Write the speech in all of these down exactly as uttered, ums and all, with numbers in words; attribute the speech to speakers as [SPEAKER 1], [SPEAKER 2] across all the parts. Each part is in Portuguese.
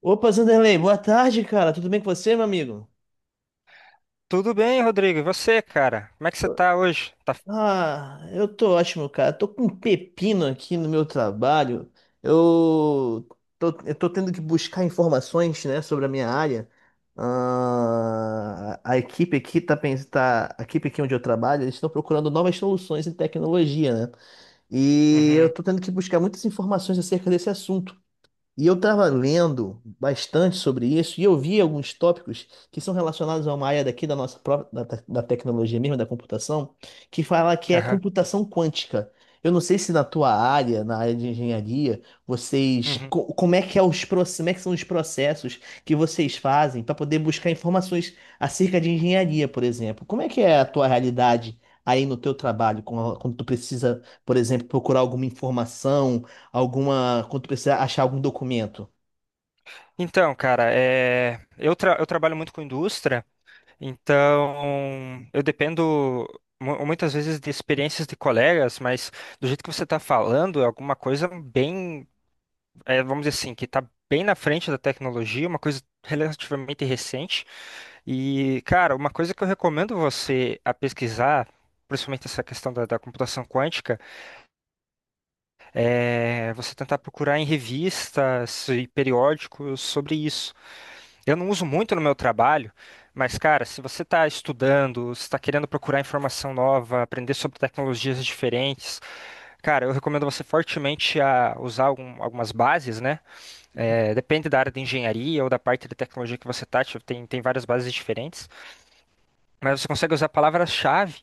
[SPEAKER 1] Opa, Zanderlei, boa tarde, cara. Tudo bem com você, meu amigo?
[SPEAKER 2] Tudo bem, Rodrigo? E você, cara? Como é que você tá hoje? Tá...
[SPEAKER 1] Ah, eu tô ótimo, cara. Tô com um pepino aqui no meu trabalho. Eu tô, eu tô tendo que buscar informações, né, sobre a minha área. Ah, a equipe aqui tá, pens- tá, a equipe aqui onde eu trabalho, eles estão procurando novas soluções em tecnologia, né? E eu
[SPEAKER 2] Uhum,
[SPEAKER 1] tô tendo que buscar muitas informações acerca desse assunto. E eu estava lendo bastante sobre isso e eu vi alguns tópicos que são relacionados a uma área daqui da nossa própria, da, te- da tecnologia mesmo, da computação, que fala que é
[SPEAKER 2] aham,
[SPEAKER 1] computação quântica. Eu não sei se na tua área, na área de engenharia, vocês,
[SPEAKER 2] uhum.
[SPEAKER 1] co- como é que é os, proce- como é que são os processos que vocês fazem para poder buscar informações acerca de engenharia, por exemplo. Como é que é a tua realidade aí no teu trabalho, quando quando tu precisa, por exemplo, procurar alguma informação? Alguma, quando precisar achar algum documento.
[SPEAKER 2] Então, cara, é... eu, tra- eu trabalho muito com indústria, então eu dependo mu- muitas vezes de experiências de colegas, mas do jeito que você está falando, é alguma coisa bem, é, vamos dizer assim, que está bem na frente da tecnologia, uma coisa relativamente recente. E, cara, uma coisa que eu recomendo você a pesquisar, principalmente essa questão da da computação quântica, é, você tentar procurar em revistas e periódicos sobre isso. Eu não uso muito no meu trabalho, mas, cara, se você está estudando, se está querendo procurar informação nova, aprender sobre tecnologias diferentes, cara, eu recomendo você fortemente a usar algum- algumas bases, né? É, depende da área de engenharia ou da parte de tecnologia que você está, tem, tem várias bases diferentes, mas você consegue usar palavras-chave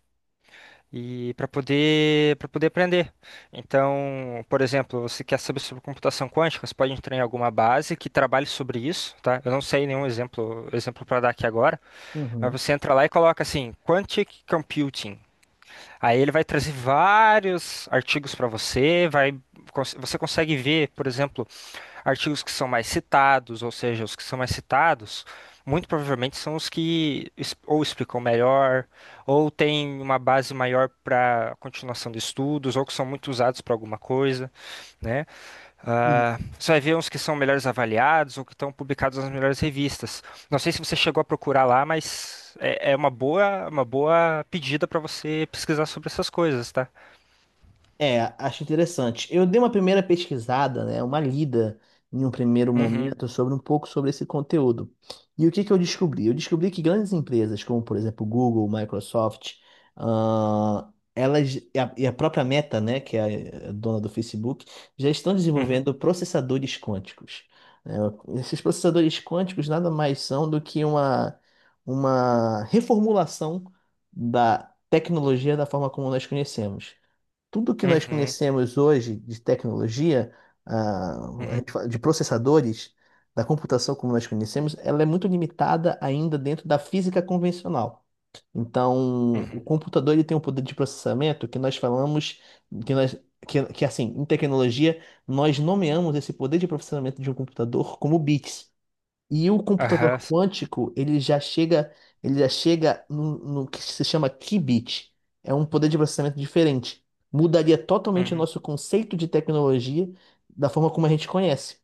[SPEAKER 2] e para poder para poder aprender. Então, por exemplo, você quer saber sobre computação quântica, você pode entrar em alguma base que trabalhe sobre isso, tá? Eu não sei nenhum exemplo exemplo para dar aqui agora, mas
[SPEAKER 1] Uhum.
[SPEAKER 2] você entra lá e coloca assim, Quantic Computing. Aí ele vai trazer vários artigos para você, vai cons- você consegue ver, por exemplo, artigos que são mais citados, ou seja, os que são mais citados, muito provavelmente são os que es- ou explicam melhor, ou têm uma base maior para continuação de estudos, ou que são muito usados para alguma coisa, né? Ah, você vai ver uns que são melhores avaliados ou que estão publicados nas melhores revistas. Não sei se você chegou a procurar lá, mas é, é uma boa, uma boa pedida para você pesquisar sobre essas coisas, tá?
[SPEAKER 1] É, acho interessante. Eu dei uma primeira pesquisada, né, uma lida em um primeiro
[SPEAKER 2] Uhum,
[SPEAKER 1] momento sobre um pouco sobre esse conteúdo. E o que que eu descobri? Eu descobri que grandes empresas, como por exemplo Google, Microsoft, ah, elas e a, e a própria Meta, né, que é a dona do Facebook, já estão
[SPEAKER 2] uhum,
[SPEAKER 1] desenvolvendo processadores quânticos. Né? Esses processadores quânticos nada mais são do que uma, uma reformulação da tecnologia, da forma como nós conhecemos tudo que nós
[SPEAKER 2] uhum,
[SPEAKER 1] conhecemos hoje de tecnologia. Ah, a
[SPEAKER 2] uhum,
[SPEAKER 1] gente fala de processadores, da computação como nós conhecemos, ela é muito limitada ainda dentro da física convencional. Então, o
[SPEAKER 2] uhum.
[SPEAKER 1] computador ele tem um poder de processamento que nós falamos, que nós, que, que assim, em tecnologia, nós nomeamos esse poder de processamento de um computador como bits. E o computador
[SPEAKER 2] Aham,
[SPEAKER 1] quântico, ele já chega, ele já chega no, no que se chama qubit. É um poder de processamento diferente. Mudaria totalmente o
[SPEAKER 2] uhum.
[SPEAKER 1] nosso conceito de tecnologia da forma como a gente conhece.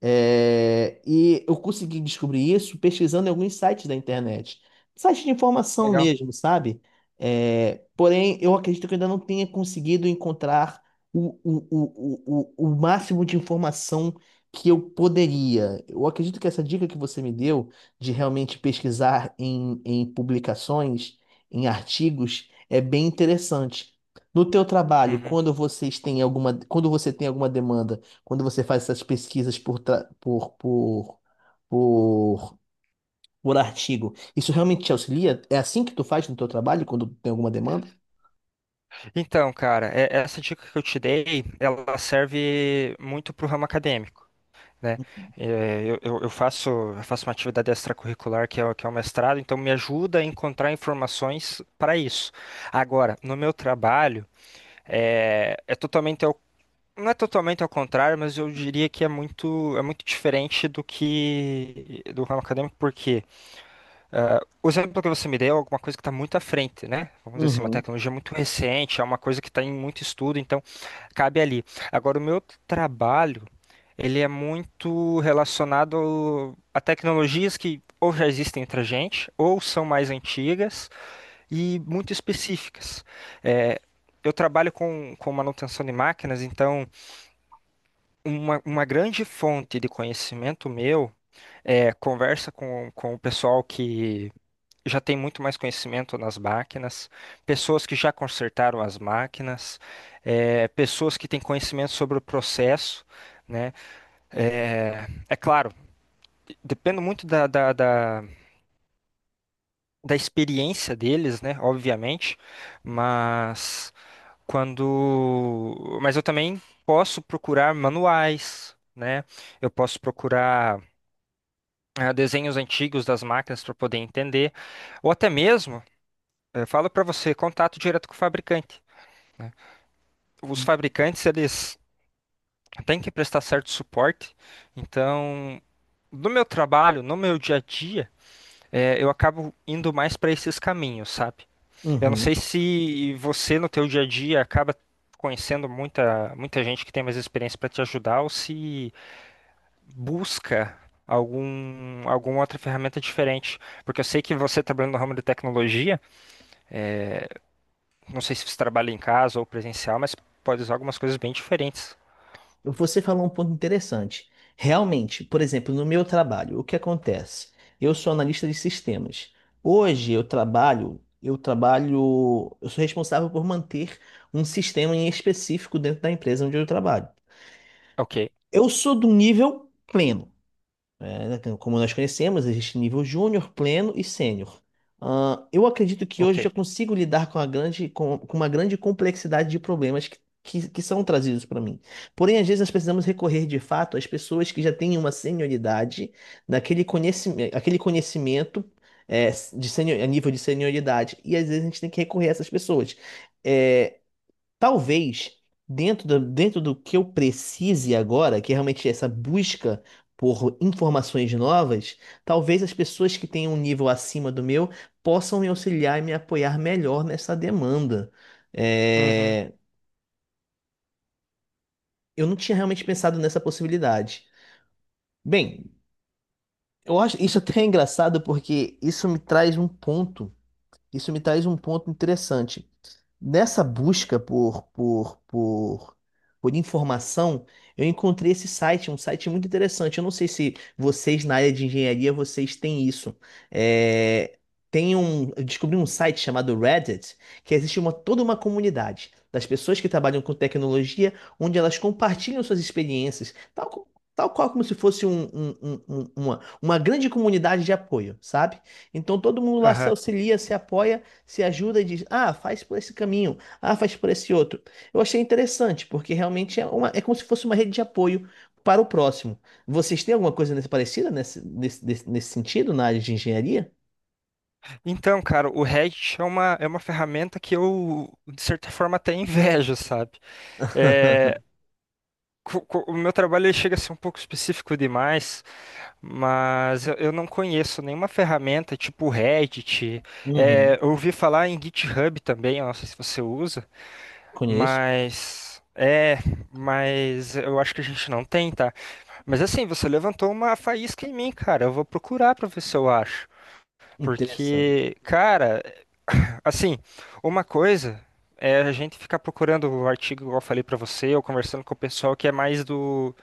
[SPEAKER 1] É, e eu consegui descobrir isso pesquisando em alguns sites da internet. Sites de informação
[SPEAKER 2] Legal.
[SPEAKER 1] mesmo, sabe? É, porém, eu acredito que eu ainda não tenha conseguido encontrar o, o, o, o, o o máximo de informação que eu poderia. Eu acredito que essa dica que você me deu de realmente pesquisar em, em publicações, em artigos, é bem interessante. No teu trabalho,
[SPEAKER 2] Uhum.
[SPEAKER 1] quando vocês têm alguma, quando você tem alguma demanda, quando você faz essas pesquisas por, tra- por, por, por, por artigo, isso realmente te auxilia? É assim que tu faz no teu trabalho quando tem alguma demanda?
[SPEAKER 2] Então, cara, é- essa dica que eu te dei, ela serve muito para o ramo acadêmico, né? É, Eu, eu- eu faço, eu faço uma atividade extracurricular que é, o- que é o mestrado, então me ajuda a encontrar informações para isso. Agora, no meu trabalho, é, é totalmente ao, não é totalmente ao contrário, mas eu diria que é muito, é muito diferente do que do ramo acadêmico, por quê? Ah, o exemplo que você me deu é alguma coisa que está muito à frente, né? Vamos dizer assim, uma
[SPEAKER 1] Uhum.
[SPEAKER 2] tecnologia muito recente, é uma coisa que está em muito estudo, então cabe ali. Agora, o meu trabalho, ele é muito relacionado ao- a tecnologias que ou já existem entre a gente, ou são mais antigas e muito específicas. É, eu trabalho com, com manutenção de máquinas, então uma, uma grande fonte de conhecimento meu é conversa com, com o pessoal que já tem muito mais conhecimento nas máquinas, pessoas que já consertaram as máquinas, eh, pessoas que têm conhecimento sobre o processo, né? Eh, É, claro, depende muito da, da, da, da experiência deles, né? Obviamente, mas quando, mas eu também posso procurar manuais, né? Eu posso procurar ah, desenhos antigos das máquinas para poder entender, ou até mesmo, eu falo para você, contato direto com o fabricante. Né? Os fabricantes, eles têm que prestar certo suporte. Então, no meu trabalho, no meu dia a dia, é, eu acabo indo mais para esses caminhos, sabe? Eu não
[SPEAKER 1] Uhum.
[SPEAKER 2] sei se você, no teu dia a dia, acaba conhecendo muita, muita gente que tem mais experiência para te ajudar ou se busca algum, alguma outra ferramenta diferente. Porque eu sei que você trabalhando no ramo de tecnologia, é, não sei se você trabalha em casa ou presencial, mas pode usar algumas coisas bem diferentes.
[SPEAKER 1] Você falou um ponto interessante. Realmente, por exemplo, no meu trabalho, o que acontece? Eu sou analista de sistemas. Hoje eu trabalho, eu trabalho, eu sou responsável por manter um sistema em específico dentro da empresa onde eu trabalho.
[SPEAKER 2] Ok,
[SPEAKER 1] Eu sou do nível pleno. É, né, como nós conhecemos, existe nível júnior, pleno e sênior. Ah, eu acredito que hoje eu
[SPEAKER 2] ok.
[SPEAKER 1] já consigo lidar com a grande, com, com uma grande complexidade de problemas que, que, que são trazidos para mim. Porém, às vezes nós precisamos recorrer de fato às pessoas que já têm uma senioridade naquele conhecimento, aquele conhecimento é, de senior, a nível de senioridade. E às vezes a gente tem que recorrer a essas pessoas. É, talvez, dentro do, dentro do que eu precise agora, que é realmente essa busca por informações novas, talvez as pessoas que tenham um nível acima do meu possam me auxiliar e me apoiar melhor nessa demanda.
[SPEAKER 2] Uhum,
[SPEAKER 1] É, eu não tinha realmente pensado nessa possibilidade. Bem, eu acho isso até é engraçado porque isso me traz um ponto. Isso me traz um ponto interessante. Nessa busca por, por, por, por informação, eu encontrei esse site, um site muito interessante. Eu não sei se vocês na área de engenharia vocês têm isso. É, tem um, eu descobri um site chamado Reddit, que existe uma, toda uma comunidade das pessoas que trabalham com tecnologia, onde elas compartilham suas experiências, tal, co- tal qual como se fosse um, um- um- um- uma, uma grande comunidade de apoio, sabe? Então todo mundo lá se
[SPEAKER 2] aham.
[SPEAKER 1] auxilia, se apoia, se ajuda e diz: ah, faz por esse caminho, ah, faz por esse outro. Eu achei interessante, porque realmente é, uma, é como se fosse uma rede de apoio para o próximo. Vocês têm alguma coisa nesse, parecida nesse, nesse, nesse, nesse sentido na área de engenharia?
[SPEAKER 2] Então, cara, o Reddit é uma, é uma ferramenta que eu, de certa forma, até invejo, sabe? É, co- co- o meu trabalho ele chega a ser um pouco específico demais, mas eu, eu não conheço nenhuma ferramenta tipo o Reddit. É,
[SPEAKER 1] Uhum.
[SPEAKER 2] eu ouvi falar em GitHub também, eu não sei se você usa,
[SPEAKER 1] Conheço.
[SPEAKER 2] mas. É, mas eu acho que a gente não tem, tá? Mas assim, você levantou uma faísca em mim, cara. Eu vou procurar pra ver se eu acho.
[SPEAKER 1] Interessante.
[SPEAKER 2] Porque, cara, assim, uma coisa é a gente ficar procurando o artigo, igual eu falei pra você, ou conversando com o pessoal que é mais do,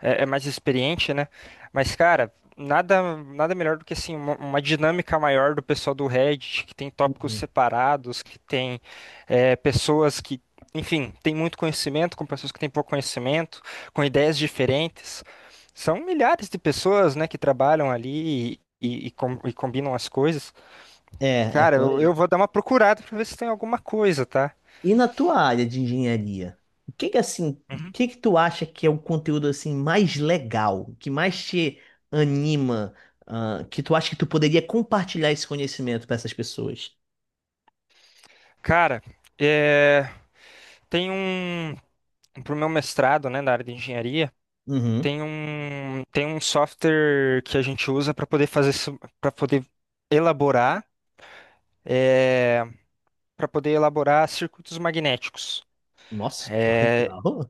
[SPEAKER 2] é, é mais experiente, né? Mas, cara, nada, nada melhor do que assim uma, uma dinâmica maior do pessoal do Reddit, que tem tópicos
[SPEAKER 1] Uhum.
[SPEAKER 2] separados, que tem é, pessoas que, enfim, tem muito conhecimento, com pessoas que têm pouco conhecimento, com ideias diferentes. São milhares de pessoas, né, que trabalham ali e, e, com- e combinam as coisas.
[SPEAKER 1] É, é
[SPEAKER 2] Cara,
[SPEAKER 1] por
[SPEAKER 2] eu,
[SPEAKER 1] aí.
[SPEAKER 2] eu vou dar uma procurada pra ver se tem alguma coisa, tá?
[SPEAKER 1] E na tua área de engenharia, o que que assim, o
[SPEAKER 2] Uhum.
[SPEAKER 1] que que tu acha que é o conteúdo assim mais legal, que mais te anima, ah, que tu acha que tu poderia compartilhar esse conhecimento para essas pessoas?
[SPEAKER 2] Cara, é, tem um. Pro meu mestrado, né, na área de engenharia,
[SPEAKER 1] Uhum.
[SPEAKER 2] tem um, tem um software que a gente usa para poder fazer. Para poder elaborar. É, para poder elaborar circuitos magnéticos.
[SPEAKER 1] Nossa, que
[SPEAKER 2] É,
[SPEAKER 1] legal.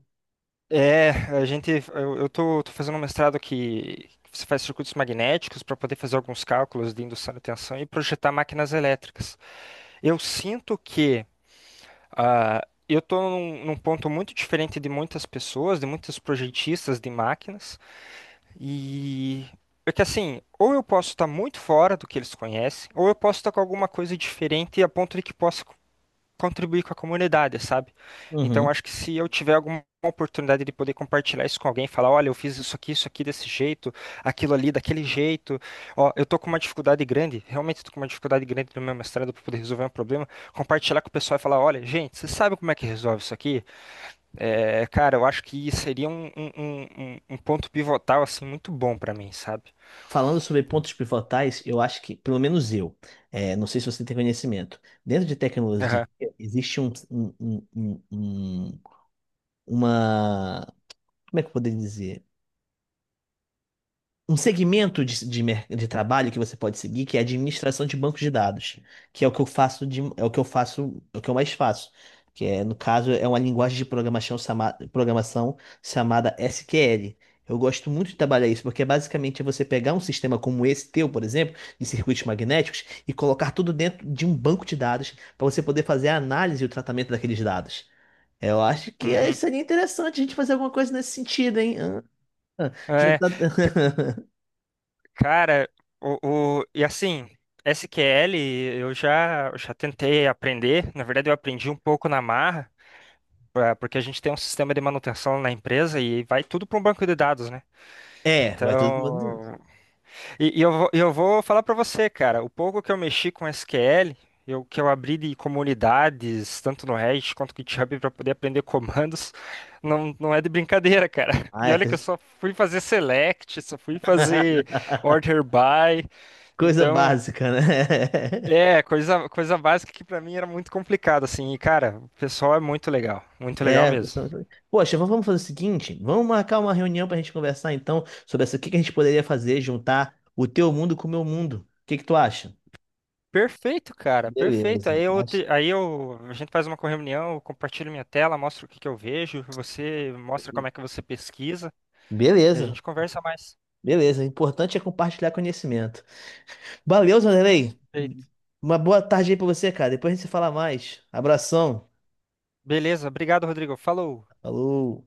[SPEAKER 2] é, a gente, eu, eu tô, tô fazendo um mestrado que você faz circuitos magnéticos para poder fazer alguns cálculos de indução de tensão e projetar máquinas elétricas. Eu sinto que ah, eu estou num, num ponto muito diferente de muitas pessoas, de muitos projetistas de máquinas, e é que assim, ou eu posso estar muito fora do que eles conhecem, ou eu posso estar com alguma coisa diferente a ponto de que possa contribuir com a comunidade, sabe? Então,
[SPEAKER 1] Uhum.
[SPEAKER 2] acho que se eu tiver alguma oportunidade de poder compartilhar isso com alguém, falar, olha, eu fiz isso aqui, isso aqui desse jeito, aquilo ali daquele jeito, ó, eu tô com uma dificuldade grande, realmente tô com uma dificuldade grande no meu mestrado para poder resolver um problema, compartilhar com o pessoal e falar, olha, gente, você sabe como é que resolve isso aqui? É, cara, eu acho que seria um, um, um, um- um ponto pivotal, assim, muito bom para mim, sabe?
[SPEAKER 1] Falando sobre pontos pivotais, eu acho que, pelo menos eu, é, não sei se você tem conhecimento, dentro de tecnologia
[SPEAKER 2] Aham.
[SPEAKER 1] existe um, um- um- um- um- uma, como é que eu poderia dizer? Um segmento de, de, mer- de trabalho que você pode seguir, que é a administração de bancos de dados, que é o que eu faço de, é o que eu faço, é o que eu mais faço, que é, no caso, é uma linguagem de programação, chama, programação chamada S Q L. Eu gosto muito de trabalhar isso, porque basicamente é você pegar um sistema como esse teu, por exemplo, de circuitos magnéticos, e colocar tudo dentro de um banco de dados para você poder fazer a análise e o tratamento daqueles dados. Eu acho que eh,
[SPEAKER 2] Uhum.
[SPEAKER 1] seria interessante a gente fazer alguma coisa nesse sentido, hein? Ah, ah, já
[SPEAKER 2] É,
[SPEAKER 1] tá-
[SPEAKER 2] cara, o, o- e assim, S Q L eu já, eu já tentei aprender. Na verdade, eu aprendi um pouco na marra, pra- porque a gente tem um sistema de manutenção na empresa e vai tudo para um banco de dados, né?
[SPEAKER 1] É, vai tudo pro mundo.
[SPEAKER 2] Então, e, e eu, vou- e eu vou falar para você, cara, o pouco que eu mexi com S Q L, eu, que eu abri de comunidades, tanto no Reddit quanto no GitHub, para poder aprender comandos, não, não é de brincadeira, cara.
[SPEAKER 1] Ah,
[SPEAKER 2] E
[SPEAKER 1] é
[SPEAKER 2] olha
[SPEAKER 1] que a
[SPEAKER 2] que eu
[SPEAKER 1] gente...
[SPEAKER 2] só fui fazer select, só fui fazer order by.
[SPEAKER 1] Coisa
[SPEAKER 2] Então,
[SPEAKER 1] básica, né?
[SPEAKER 2] é, coisa, coisa básica que pra mim era muito complicado, assim. E, cara, o pessoal é muito legal, muito legal
[SPEAKER 1] É, a
[SPEAKER 2] mesmo.
[SPEAKER 1] pessoa- Poxa, vamos vamos fazer o seguinte, vamos marcar uma reunião pra gente conversar então sobre essa, o que que a gente poderia fazer, juntar o teu mundo com o meu mundo. O que que tu acha?
[SPEAKER 2] Perfeito, cara, perfeito. Aí
[SPEAKER 1] Beleza,
[SPEAKER 2] eu,
[SPEAKER 1] acho.
[SPEAKER 2] te- aí eu, a gente faz uma reunião, eu compartilho minha tela, mostro o que que eu vejo, você mostra como é que você pesquisa e a
[SPEAKER 1] Beleza,
[SPEAKER 2] gente conversa mais.
[SPEAKER 1] beleza. O importante é compartilhar conhecimento. Valeu, Zanderlei.
[SPEAKER 2] Perfeito.
[SPEAKER 1] Uma boa tarde aí pra você, cara. Depois a gente se fala mais. Abração.
[SPEAKER 2] Beleza, obrigado, Rodrigo. Falou.
[SPEAKER 1] Falou.